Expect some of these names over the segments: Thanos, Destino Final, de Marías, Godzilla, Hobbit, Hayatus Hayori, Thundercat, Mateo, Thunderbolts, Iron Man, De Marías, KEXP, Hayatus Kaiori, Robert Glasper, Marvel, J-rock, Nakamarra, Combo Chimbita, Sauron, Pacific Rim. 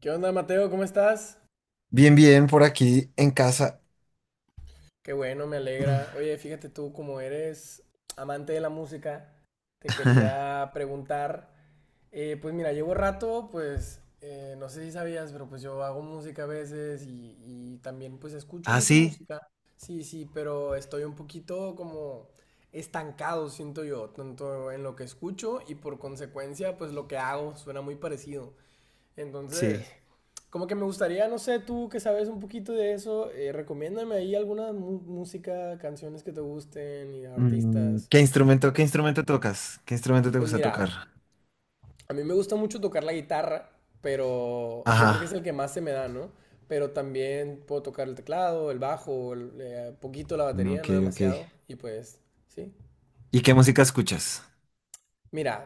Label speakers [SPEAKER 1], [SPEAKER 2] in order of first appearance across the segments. [SPEAKER 1] ¿Qué onda, Mateo? ¿Cómo estás?
[SPEAKER 2] Bien, bien, por aquí en casa.
[SPEAKER 1] Qué bueno, me
[SPEAKER 2] Mm.
[SPEAKER 1] alegra. Oye, fíjate tú, como eres amante de la música, te quería preguntar, pues mira, llevo rato, no sé si sabías, pero pues yo hago música a veces y también pues escucho
[SPEAKER 2] Ah,
[SPEAKER 1] mucha
[SPEAKER 2] sí,
[SPEAKER 1] música, sí, sí, pero estoy un poquito como estancado, siento yo, tanto en lo que escucho y por consecuencia pues lo que hago suena muy parecido.
[SPEAKER 2] sí.
[SPEAKER 1] Entonces, como que me gustaría, no sé, tú que sabes un poquito de eso, recomiéndame ahí alguna música, canciones que te gusten y artistas, no
[SPEAKER 2] Qué
[SPEAKER 1] sé.
[SPEAKER 2] instrumento tocas? ¿Qué instrumento te
[SPEAKER 1] Pues
[SPEAKER 2] gusta
[SPEAKER 1] mira,
[SPEAKER 2] tocar?
[SPEAKER 1] a mí me gusta mucho tocar la guitarra, pero yo creo que es
[SPEAKER 2] Ajá.
[SPEAKER 1] el que más se me da, ¿no? Pero también puedo tocar el teclado, el bajo, poquito la
[SPEAKER 2] no,
[SPEAKER 1] batería,
[SPEAKER 2] Ok,
[SPEAKER 1] no
[SPEAKER 2] ok.
[SPEAKER 1] demasiado, y pues, sí.
[SPEAKER 2] ¿Y qué música escuchas?
[SPEAKER 1] Mira,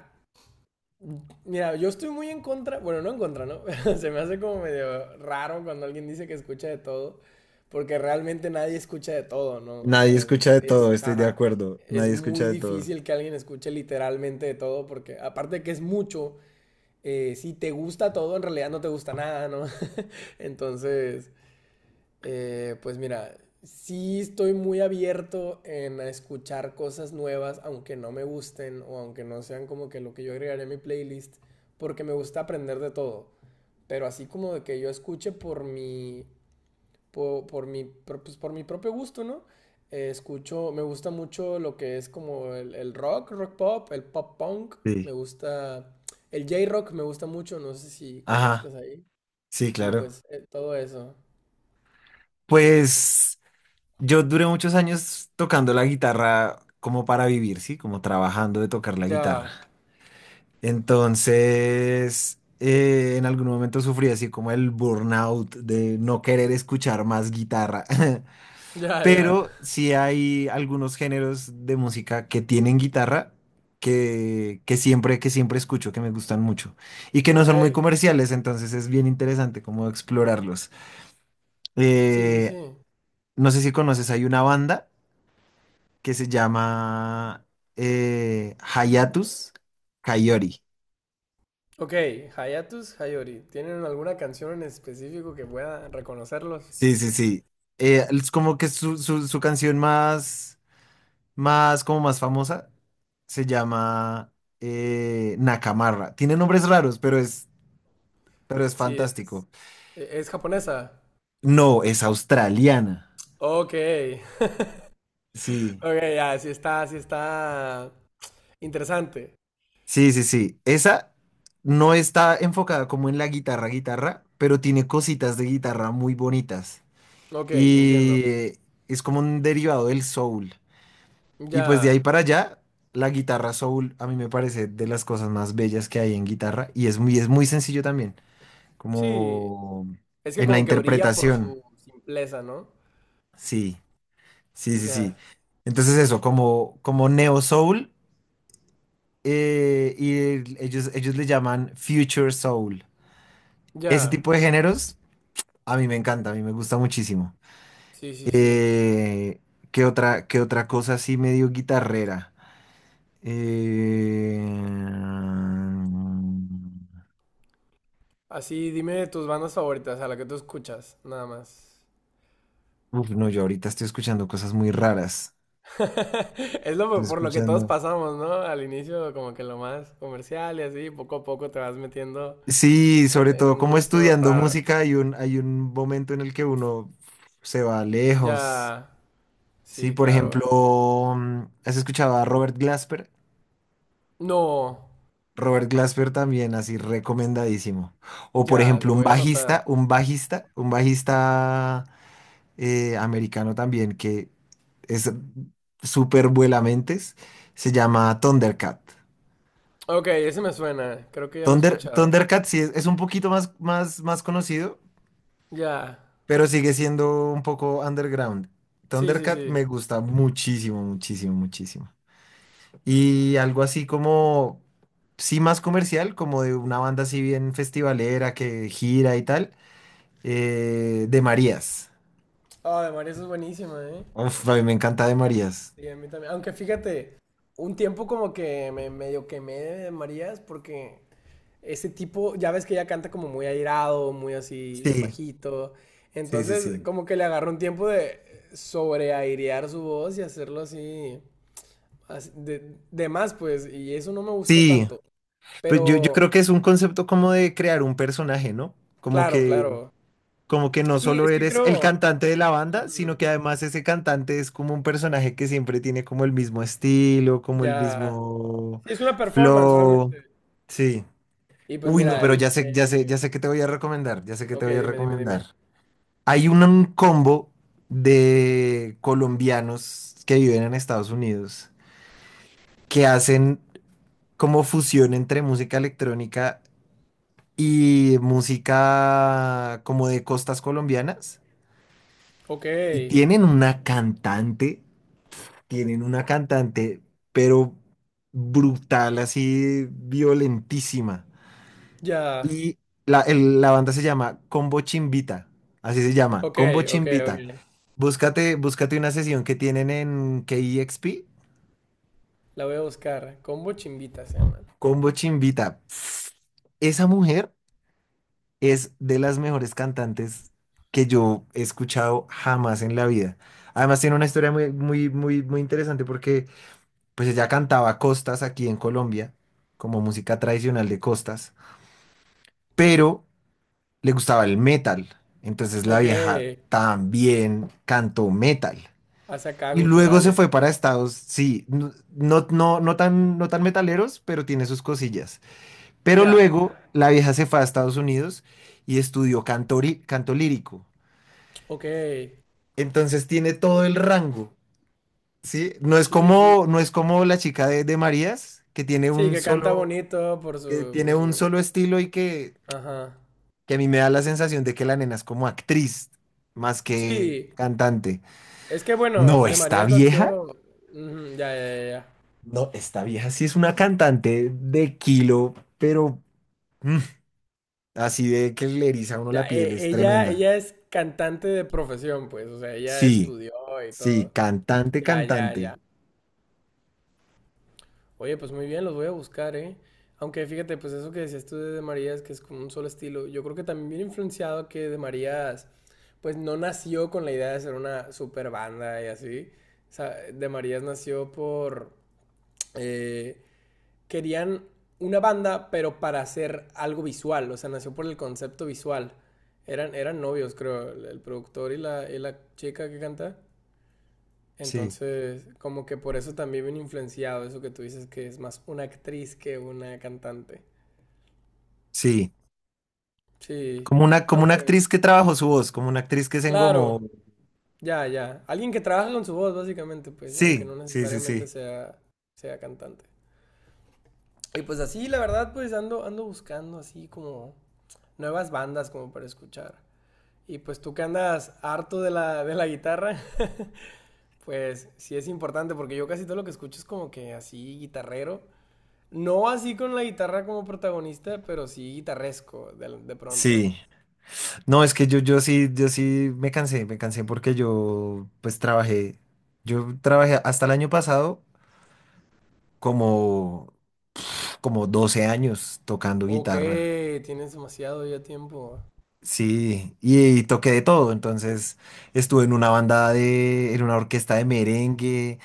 [SPEAKER 1] Mira, yo estoy muy en contra, bueno, no en contra, ¿no? Se me hace como medio raro cuando alguien dice que escucha de todo, porque realmente nadie escucha de todo, ¿no? O
[SPEAKER 2] Nadie
[SPEAKER 1] sea,
[SPEAKER 2] escucha de todo, estoy de
[SPEAKER 1] ajá,
[SPEAKER 2] acuerdo.
[SPEAKER 1] es
[SPEAKER 2] Nadie escucha
[SPEAKER 1] muy
[SPEAKER 2] de todo.
[SPEAKER 1] difícil que alguien escuche literalmente de todo, porque aparte de que es mucho, si te gusta todo, en realidad no te gusta nada, ¿no? Entonces, pues mira, sí estoy muy abierto en a escuchar cosas nuevas, aunque no me gusten o aunque no sean como que lo que yo agregaría a mi playlist, porque me gusta aprender de todo. Pero así como de que yo escuche por mi propio gusto, ¿no? Escucho, me gusta mucho lo que es como el rock, rock pop, el pop punk. Me
[SPEAKER 2] Sí.
[SPEAKER 1] gusta, el J-rock me gusta mucho, no sé si
[SPEAKER 2] Ajá.
[SPEAKER 1] conozcas ahí.
[SPEAKER 2] Sí,
[SPEAKER 1] Y
[SPEAKER 2] claro.
[SPEAKER 1] pues todo eso.
[SPEAKER 2] Pues yo duré muchos años tocando la guitarra como para vivir, ¿sí? Como trabajando de tocar la guitarra.
[SPEAKER 1] Ya,
[SPEAKER 2] Entonces, en algún momento sufrí así como el burnout de no querer escuchar más guitarra.
[SPEAKER 1] ya, ya.
[SPEAKER 2] Pero sí hay algunos géneros de música que tienen guitarra que siempre, que siempre escucho, que me gustan mucho y que no
[SPEAKER 1] Ok,
[SPEAKER 2] son muy comerciales, entonces es bien interesante como explorarlos.
[SPEAKER 1] sí, sí,
[SPEAKER 2] Eh,
[SPEAKER 1] sí.
[SPEAKER 2] no sé si conoces, hay una banda que se llama Hayatus Kaiori.
[SPEAKER 1] Ok, Hayatus Hayori. ¿Tienen alguna canción en específico que pueda reconocerlos?
[SPEAKER 2] Sí, sí, sí. Es como que su canción más, más, como más famosa se llama Nakamarra. Tiene nombres raros, pero es
[SPEAKER 1] Sí, es,
[SPEAKER 2] fantástico.
[SPEAKER 1] es japonesa.
[SPEAKER 2] No, es australiana.
[SPEAKER 1] Ok,
[SPEAKER 2] Sí,
[SPEAKER 1] ok, ya, sí está interesante.
[SPEAKER 2] sí, sí, sí. Esa no está enfocada como en la guitarra, guitarra, pero tiene cositas de guitarra muy bonitas.
[SPEAKER 1] Ok, entiendo.
[SPEAKER 2] Y es como un derivado del soul. Y pues de
[SPEAKER 1] Ya,
[SPEAKER 2] ahí para allá, la guitarra soul a mí me parece de las cosas más bellas que hay en guitarra y es muy sencillo también,
[SPEAKER 1] sí,
[SPEAKER 2] como
[SPEAKER 1] es que
[SPEAKER 2] en la
[SPEAKER 1] como que brilla por
[SPEAKER 2] interpretación.
[SPEAKER 1] su simpleza, ¿no?
[SPEAKER 2] Sí, sí, sí, sí.
[SPEAKER 1] Ya,
[SPEAKER 2] Entonces eso, como, como neo soul ellos, ellos le llaman future soul. Ese
[SPEAKER 1] ya,
[SPEAKER 2] tipo de géneros a mí me encanta, a mí me gusta muchísimo.
[SPEAKER 1] sí, sí, sí.
[SPEAKER 2] Eh, qué otra cosa así medio guitarrera? Eh,
[SPEAKER 1] Así, dime tus bandas favoritas, a la que tú escuchas, nada más.
[SPEAKER 2] Uf, no, yo ahorita estoy escuchando cosas muy raras.
[SPEAKER 1] Es
[SPEAKER 2] Estoy
[SPEAKER 1] lo por lo que todos
[SPEAKER 2] escuchando.
[SPEAKER 1] pasamos, ¿no? Al inicio como que lo más comercial y así, poco a poco te vas metiendo
[SPEAKER 2] Sí, sobre
[SPEAKER 1] en
[SPEAKER 2] todo
[SPEAKER 1] un
[SPEAKER 2] como
[SPEAKER 1] gusto
[SPEAKER 2] estudiando
[SPEAKER 1] raro.
[SPEAKER 2] música hay un momento en el que uno se va lejos.
[SPEAKER 1] Ya,
[SPEAKER 2] Sí,
[SPEAKER 1] sí,
[SPEAKER 2] por
[SPEAKER 1] claro.
[SPEAKER 2] ejemplo, mm, ¿has escuchado a Robert Glasper?
[SPEAKER 1] No,
[SPEAKER 2] Robert Glasper también, así recomendadísimo. O por
[SPEAKER 1] ya, lo
[SPEAKER 2] ejemplo,
[SPEAKER 1] voy a anotar.
[SPEAKER 2] un bajista americano también que es súper vuelamentes, se llama Thundercat.
[SPEAKER 1] Ok, ese me suena, creo que ya lo he escuchado.
[SPEAKER 2] Thundercat sí es un poquito más conocido,
[SPEAKER 1] Ya,
[SPEAKER 2] pero sigue siendo un poco underground.
[SPEAKER 1] sí, sí,
[SPEAKER 2] Thundercat
[SPEAKER 1] sí.
[SPEAKER 2] me gusta muchísimo, muchísimo, muchísimo. Y algo así como, sí más comercial, como de una banda así bien festivalera que gira y tal, de Marías.
[SPEAKER 1] Ah, de María, eso es buenísima, ¿eh?
[SPEAKER 2] Uf, a mí me encanta de Marías.
[SPEAKER 1] Sí, a mí también. Aunque fíjate, un tiempo como que me medio quemé de Marías porque ese tipo, ya ves que ella canta como muy airado, muy así
[SPEAKER 2] Sí,
[SPEAKER 1] bajito.
[SPEAKER 2] sí, sí,
[SPEAKER 1] Entonces,
[SPEAKER 2] sí.
[SPEAKER 1] como que le agarró un tiempo de sobreairear su voz y hacerlo así, de más, pues, y eso no me gustó
[SPEAKER 2] Sí,
[SPEAKER 1] tanto.
[SPEAKER 2] pues yo
[SPEAKER 1] Pero,
[SPEAKER 2] creo que es un concepto como de crear un personaje, ¿no? Como
[SPEAKER 1] claro,
[SPEAKER 2] que
[SPEAKER 1] claro.
[SPEAKER 2] Como que no
[SPEAKER 1] Sí,
[SPEAKER 2] solo
[SPEAKER 1] es que
[SPEAKER 2] eres el
[SPEAKER 1] creo,
[SPEAKER 2] cantante de la banda,
[SPEAKER 1] ujú,
[SPEAKER 2] sino que además ese cantante es como un personaje que siempre tiene como el mismo estilo, como el
[SPEAKER 1] ya,
[SPEAKER 2] mismo
[SPEAKER 1] sí, es una performance
[SPEAKER 2] flow.
[SPEAKER 1] realmente.
[SPEAKER 2] Sí.
[SPEAKER 1] Y pues
[SPEAKER 2] Uy, no,
[SPEAKER 1] mira,
[SPEAKER 2] pero ya sé, ya sé, ya sé que te voy a recomendar, ya sé que
[SPEAKER 1] ok,
[SPEAKER 2] te voy a
[SPEAKER 1] dime, dime, dime.
[SPEAKER 2] recomendar. Un combo de colombianos que viven en Estados Unidos que hacen como fusión entre música electrónica y música como de costas colombianas.
[SPEAKER 1] Ok,
[SPEAKER 2] Y tienen una cantante, pero brutal, así violentísima.
[SPEAKER 1] ya,
[SPEAKER 2] Y la banda se llama Combo Chimbita, así se llama,
[SPEAKER 1] ok,
[SPEAKER 2] Combo
[SPEAKER 1] ok,
[SPEAKER 2] Chimbita.
[SPEAKER 1] ok.
[SPEAKER 2] Búscate, búscate una sesión que tienen en KEXP,
[SPEAKER 1] La voy a buscar. Combo Chimbita se llama.
[SPEAKER 2] Combo Chimbita. Esa mujer es de las mejores cantantes que yo he escuchado jamás en la vida. Además tiene una historia muy, muy, muy, muy interesante porque pues ella cantaba costas aquí en Colombia, como música tradicional de costas, pero le gustaba el metal. Entonces la
[SPEAKER 1] Ok,
[SPEAKER 2] vieja también cantó metal.
[SPEAKER 1] hace acá
[SPEAKER 2] Y luego se
[SPEAKER 1] guturales y
[SPEAKER 2] fue para
[SPEAKER 1] todo.
[SPEAKER 2] Estados, sí, no, no, no, no tan, no tan metaleros, pero tiene sus cosillas. Pero
[SPEAKER 1] Ya,
[SPEAKER 2] luego la vieja se fue a Estados Unidos y estudió canto, canto lírico.
[SPEAKER 1] ok.
[SPEAKER 2] Entonces tiene todo el rango, ¿sí? No es
[SPEAKER 1] Sí, sí.
[SPEAKER 2] como,
[SPEAKER 1] Sí,
[SPEAKER 2] no es como la chica de Marías, que tiene
[SPEAKER 1] sí,
[SPEAKER 2] un
[SPEAKER 1] que canta
[SPEAKER 2] solo,
[SPEAKER 1] bonito por
[SPEAKER 2] que
[SPEAKER 1] su, por
[SPEAKER 2] tiene un
[SPEAKER 1] su.
[SPEAKER 2] solo estilo y
[SPEAKER 1] Ajá.
[SPEAKER 2] que a mí me da la sensación de que la nena es como actriz más que
[SPEAKER 1] Sí,
[SPEAKER 2] cantante.
[SPEAKER 1] es que bueno,
[SPEAKER 2] No,
[SPEAKER 1] de
[SPEAKER 2] esta
[SPEAKER 1] Marías
[SPEAKER 2] vieja,
[SPEAKER 1] nació. Ujú, ya, ya, ya.
[SPEAKER 2] no, esta vieja sí es una cantante de kilo, pero mm, así de que le eriza a uno
[SPEAKER 1] Ya,
[SPEAKER 2] la
[SPEAKER 1] ya,
[SPEAKER 2] piel, es
[SPEAKER 1] ella,
[SPEAKER 2] tremenda.
[SPEAKER 1] ella es cantante de profesión, pues. O sea, ella
[SPEAKER 2] Sí,
[SPEAKER 1] estudió y
[SPEAKER 2] sí,
[SPEAKER 1] todo.
[SPEAKER 2] cantante,
[SPEAKER 1] Ya, ya, ya.
[SPEAKER 2] cantante.
[SPEAKER 1] Oye, pues muy bien, los voy a buscar, ¿eh? Aunque fíjate, pues eso que decías tú de De Marías, que es como un solo estilo, yo creo que también viene influenciado que De Marías, pues no nació con la idea de ser una super banda y así. O sea, De Marías nació por... eh, querían una banda, pero para hacer algo visual, o sea, nació por el concepto visual. Eran novios, creo, el productor y y la chica que canta.
[SPEAKER 2] Sí,
[SPEAKER 1] Entonces, como que por eso también viene influenciado eso que tú dices que es más una actriz que una cantante.
[SPEAKER 2] sí.
[SPEAKER 1] Sí,
[SPEAKER 2] Como una
[SPEAKER 1] aunque,
[SPEAKER 2] actriz que trabajó su voz, como una actriz que se engomó.
[SPEAKER 1] claro, ya, ya. Alguien que trabaja con su voz, básicamente, pues, aunque
[SPEAKER 2] Sí,
[SPEAKER 1] no
[SPEAKER 2] sí, sí,
[SPEAKER 1] necesariamente
[SPEAKER 2] sí.
[SPEAKER 1] sea, sea cantante. Y pues así, la verdad, pues ando, ando buscando así como nuevas bandas como para escuchar. Y pues tú que andas harto de de la guitarra, pues sí es importante porque yo casi todo lo que escucho es como que así guitarrero. No así con la guitarra como protagonista, pero sí guitarresco de pronto.
[SPEAKER 2] Sí. No, es que yo sí, yo sí me cansé porque yo pues trabajé, yo trabajé hasta el año pasado como, como 12 años tocando
[SPEAKER 1] Ok,
[SPEAKER 2] guitarra.
[SPEAKER 1] tienes demasiado ya tiempo.
[SPEAKER 2] Sí, y toqué de todo, entonces estuve en en una orquesta de merengue,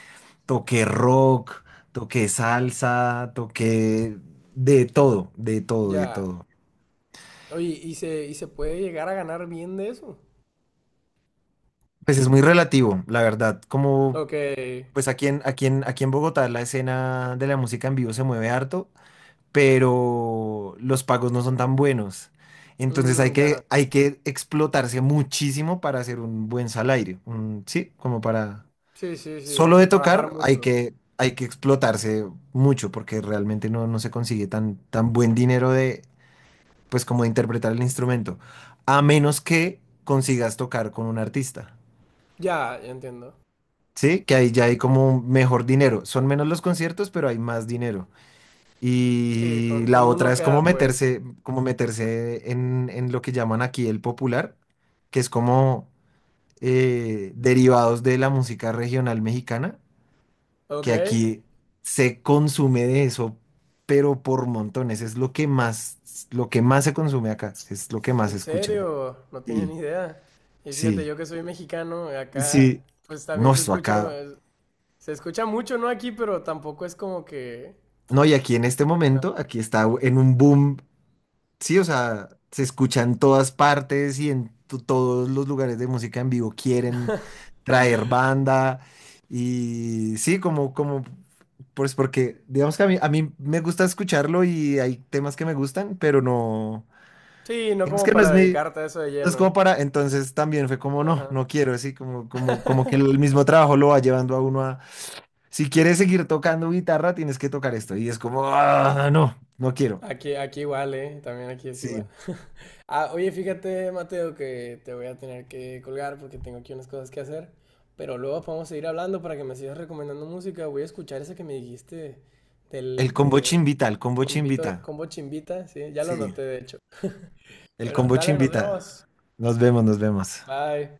[SPEAKER 2] toqué rock, toqué salsa, toqué de todo, de todo, de
[SPEAKER 1] Ya.
[SPEAKER 2] todo.
[SPEAKER 1] Oye, ¿y y se puede llegar a ganar bien de eso?
[SPEAKER 2] Pues es muy relativo, la verdad, como
[SPEAKER 1] Ok.
[SPEAKER 2] pues aquí en Bogotá la escena de la música en vivo se mueve harto, pero los pagos no son tan buenos. Entonces
[SPEAKER 1] Mm, ya.
[SPEAKER 2] hay que explotarse muchísimo para hacer un buen salario. Sí, como para...
[SPEAKER 1] Sí, sí, sí. O
[SPEAKER 2] Solo de
[SPEAKER 1] sea, trabajar
[SPEAKER 2] tocar
[SPEAKER 1] mucho.
[SPEAKER 2] hay que explotarse mucho porque realmente no, no se consigue tan, tan buen dinero de, pues como de interpretar el instrumento, a menos que consigas tocar con un artista.
[SPEAKER 1] Ya, ya entiendo.
[SPEAKER 2] Sí, que ahí ya hay como un mejor dinero. Son menos los conciertos, pero hay más dinero.
[SPEAKER 1] Sí,
[SPEAKER 2] Y la
[SPEAKER 1] con uno
[SPEAKER 2] otra es como
[SPEAKER 1] queda pues.
[SPEAKER 2] como meterse en lo que llaman aquí el popular, que es como derivados de la música regional mexicana,
[SPEAKER 1] Ok.
[SPEAKER 2] que aquí se consume de eso, pero por montones. Es lo que más se consume acá, es lo que más
[SPEAKER 1] ¿En
[SPEAKER 2] se escucha.
[SPEAKER 1] serio? No tienen
[SPEAKER 2] Sí,
[SPEAKER 1] ni idea. Y fíjate,
[SPEAKER 2] sí,
[SPEAKER 1] yo que soy mexicano, acá
[SPEAKER 2] sí.
[SPEAKER 1] pues
[SPEAKER 2] No,
[SPEAKER 1] también se
[SPEAKER 2] esto
[SPEAKER 1] escucha,
[SPEAKER 2] acá.
[SPEAKER 1] se escucha mucho, ¿no? Aquí, pero tampoco es como que...
[SPEAKER 2] No, y aquí en este
[SPEAKER 1] Ajá.
[SPEAKER 2] momento, aquí está en un boom. Sí, o sea, se escucha en todas partes y en todos los lugares de música en vivo quieren traer banda. Y sí, como, como, pues porque, digamos que a a mí me gusta escucharlo y hay temas que me gustan, pero no,
[SPEAKER 1] Sí, no
[SPEAKER 2] digamos
[SPEAKER 1] como
[SPEAKER 2] que no
[SPEAKER 1] para
[SPEAKER 2] es mi,
[SPEAKER 1] dedicarte
[SPEAKER 2] no
[SPEAKER 1] a eso de
[SPEAKER 2] es
[SPEAKER 1] lleno.
[SPEAKER 2] como para, entonces también fue como, no,
[SPEAKER 1] Ajá.
[SPEAKER 2] no quiero, así como que el mismo trabajo lo va llevando a uno a, si quieres seguir tocando guitarra, tienes que tocar esto. Y es como, ah, no, no quiero.
[SPEAKER 1] Aquí, aquí igual, ¿eh? También aquí es
[SPEAKER 2] Sí.
[SPEAKER 1] igual. Ah, oye, fíjate, Mateo, que te voy a tener que colgar porque tengo aquí unas cosas que hacer. Pero luego podemos seguir hablando para que me sigas recomendando música. Voy a escuchar esa que me dijiste
[SPEAKER 2] El
[SPEAKER 1] del,
[SPEAKER 2] combo
[SPEAKER 1] de
[SPEAKER 2] chimbita, el combo chimbita.
[SPEAKER 1] Combito, Combo Chimbita, sí, ya lo
[SPEAKER 2] Sí,
[SPEAKER 1] noté de hecho.
[SPEAKER 2] el
[SPEAKER 1] Bueno,
[SPEAKER 2] kombucha
[SPEAKER 1] dale, nos
[SPEAKER 2] invita.
[SPEAKER 1] vemos.
[SPEAKER 2] Nos vemos, nos vemos.
[SPEAKER 1] Bye.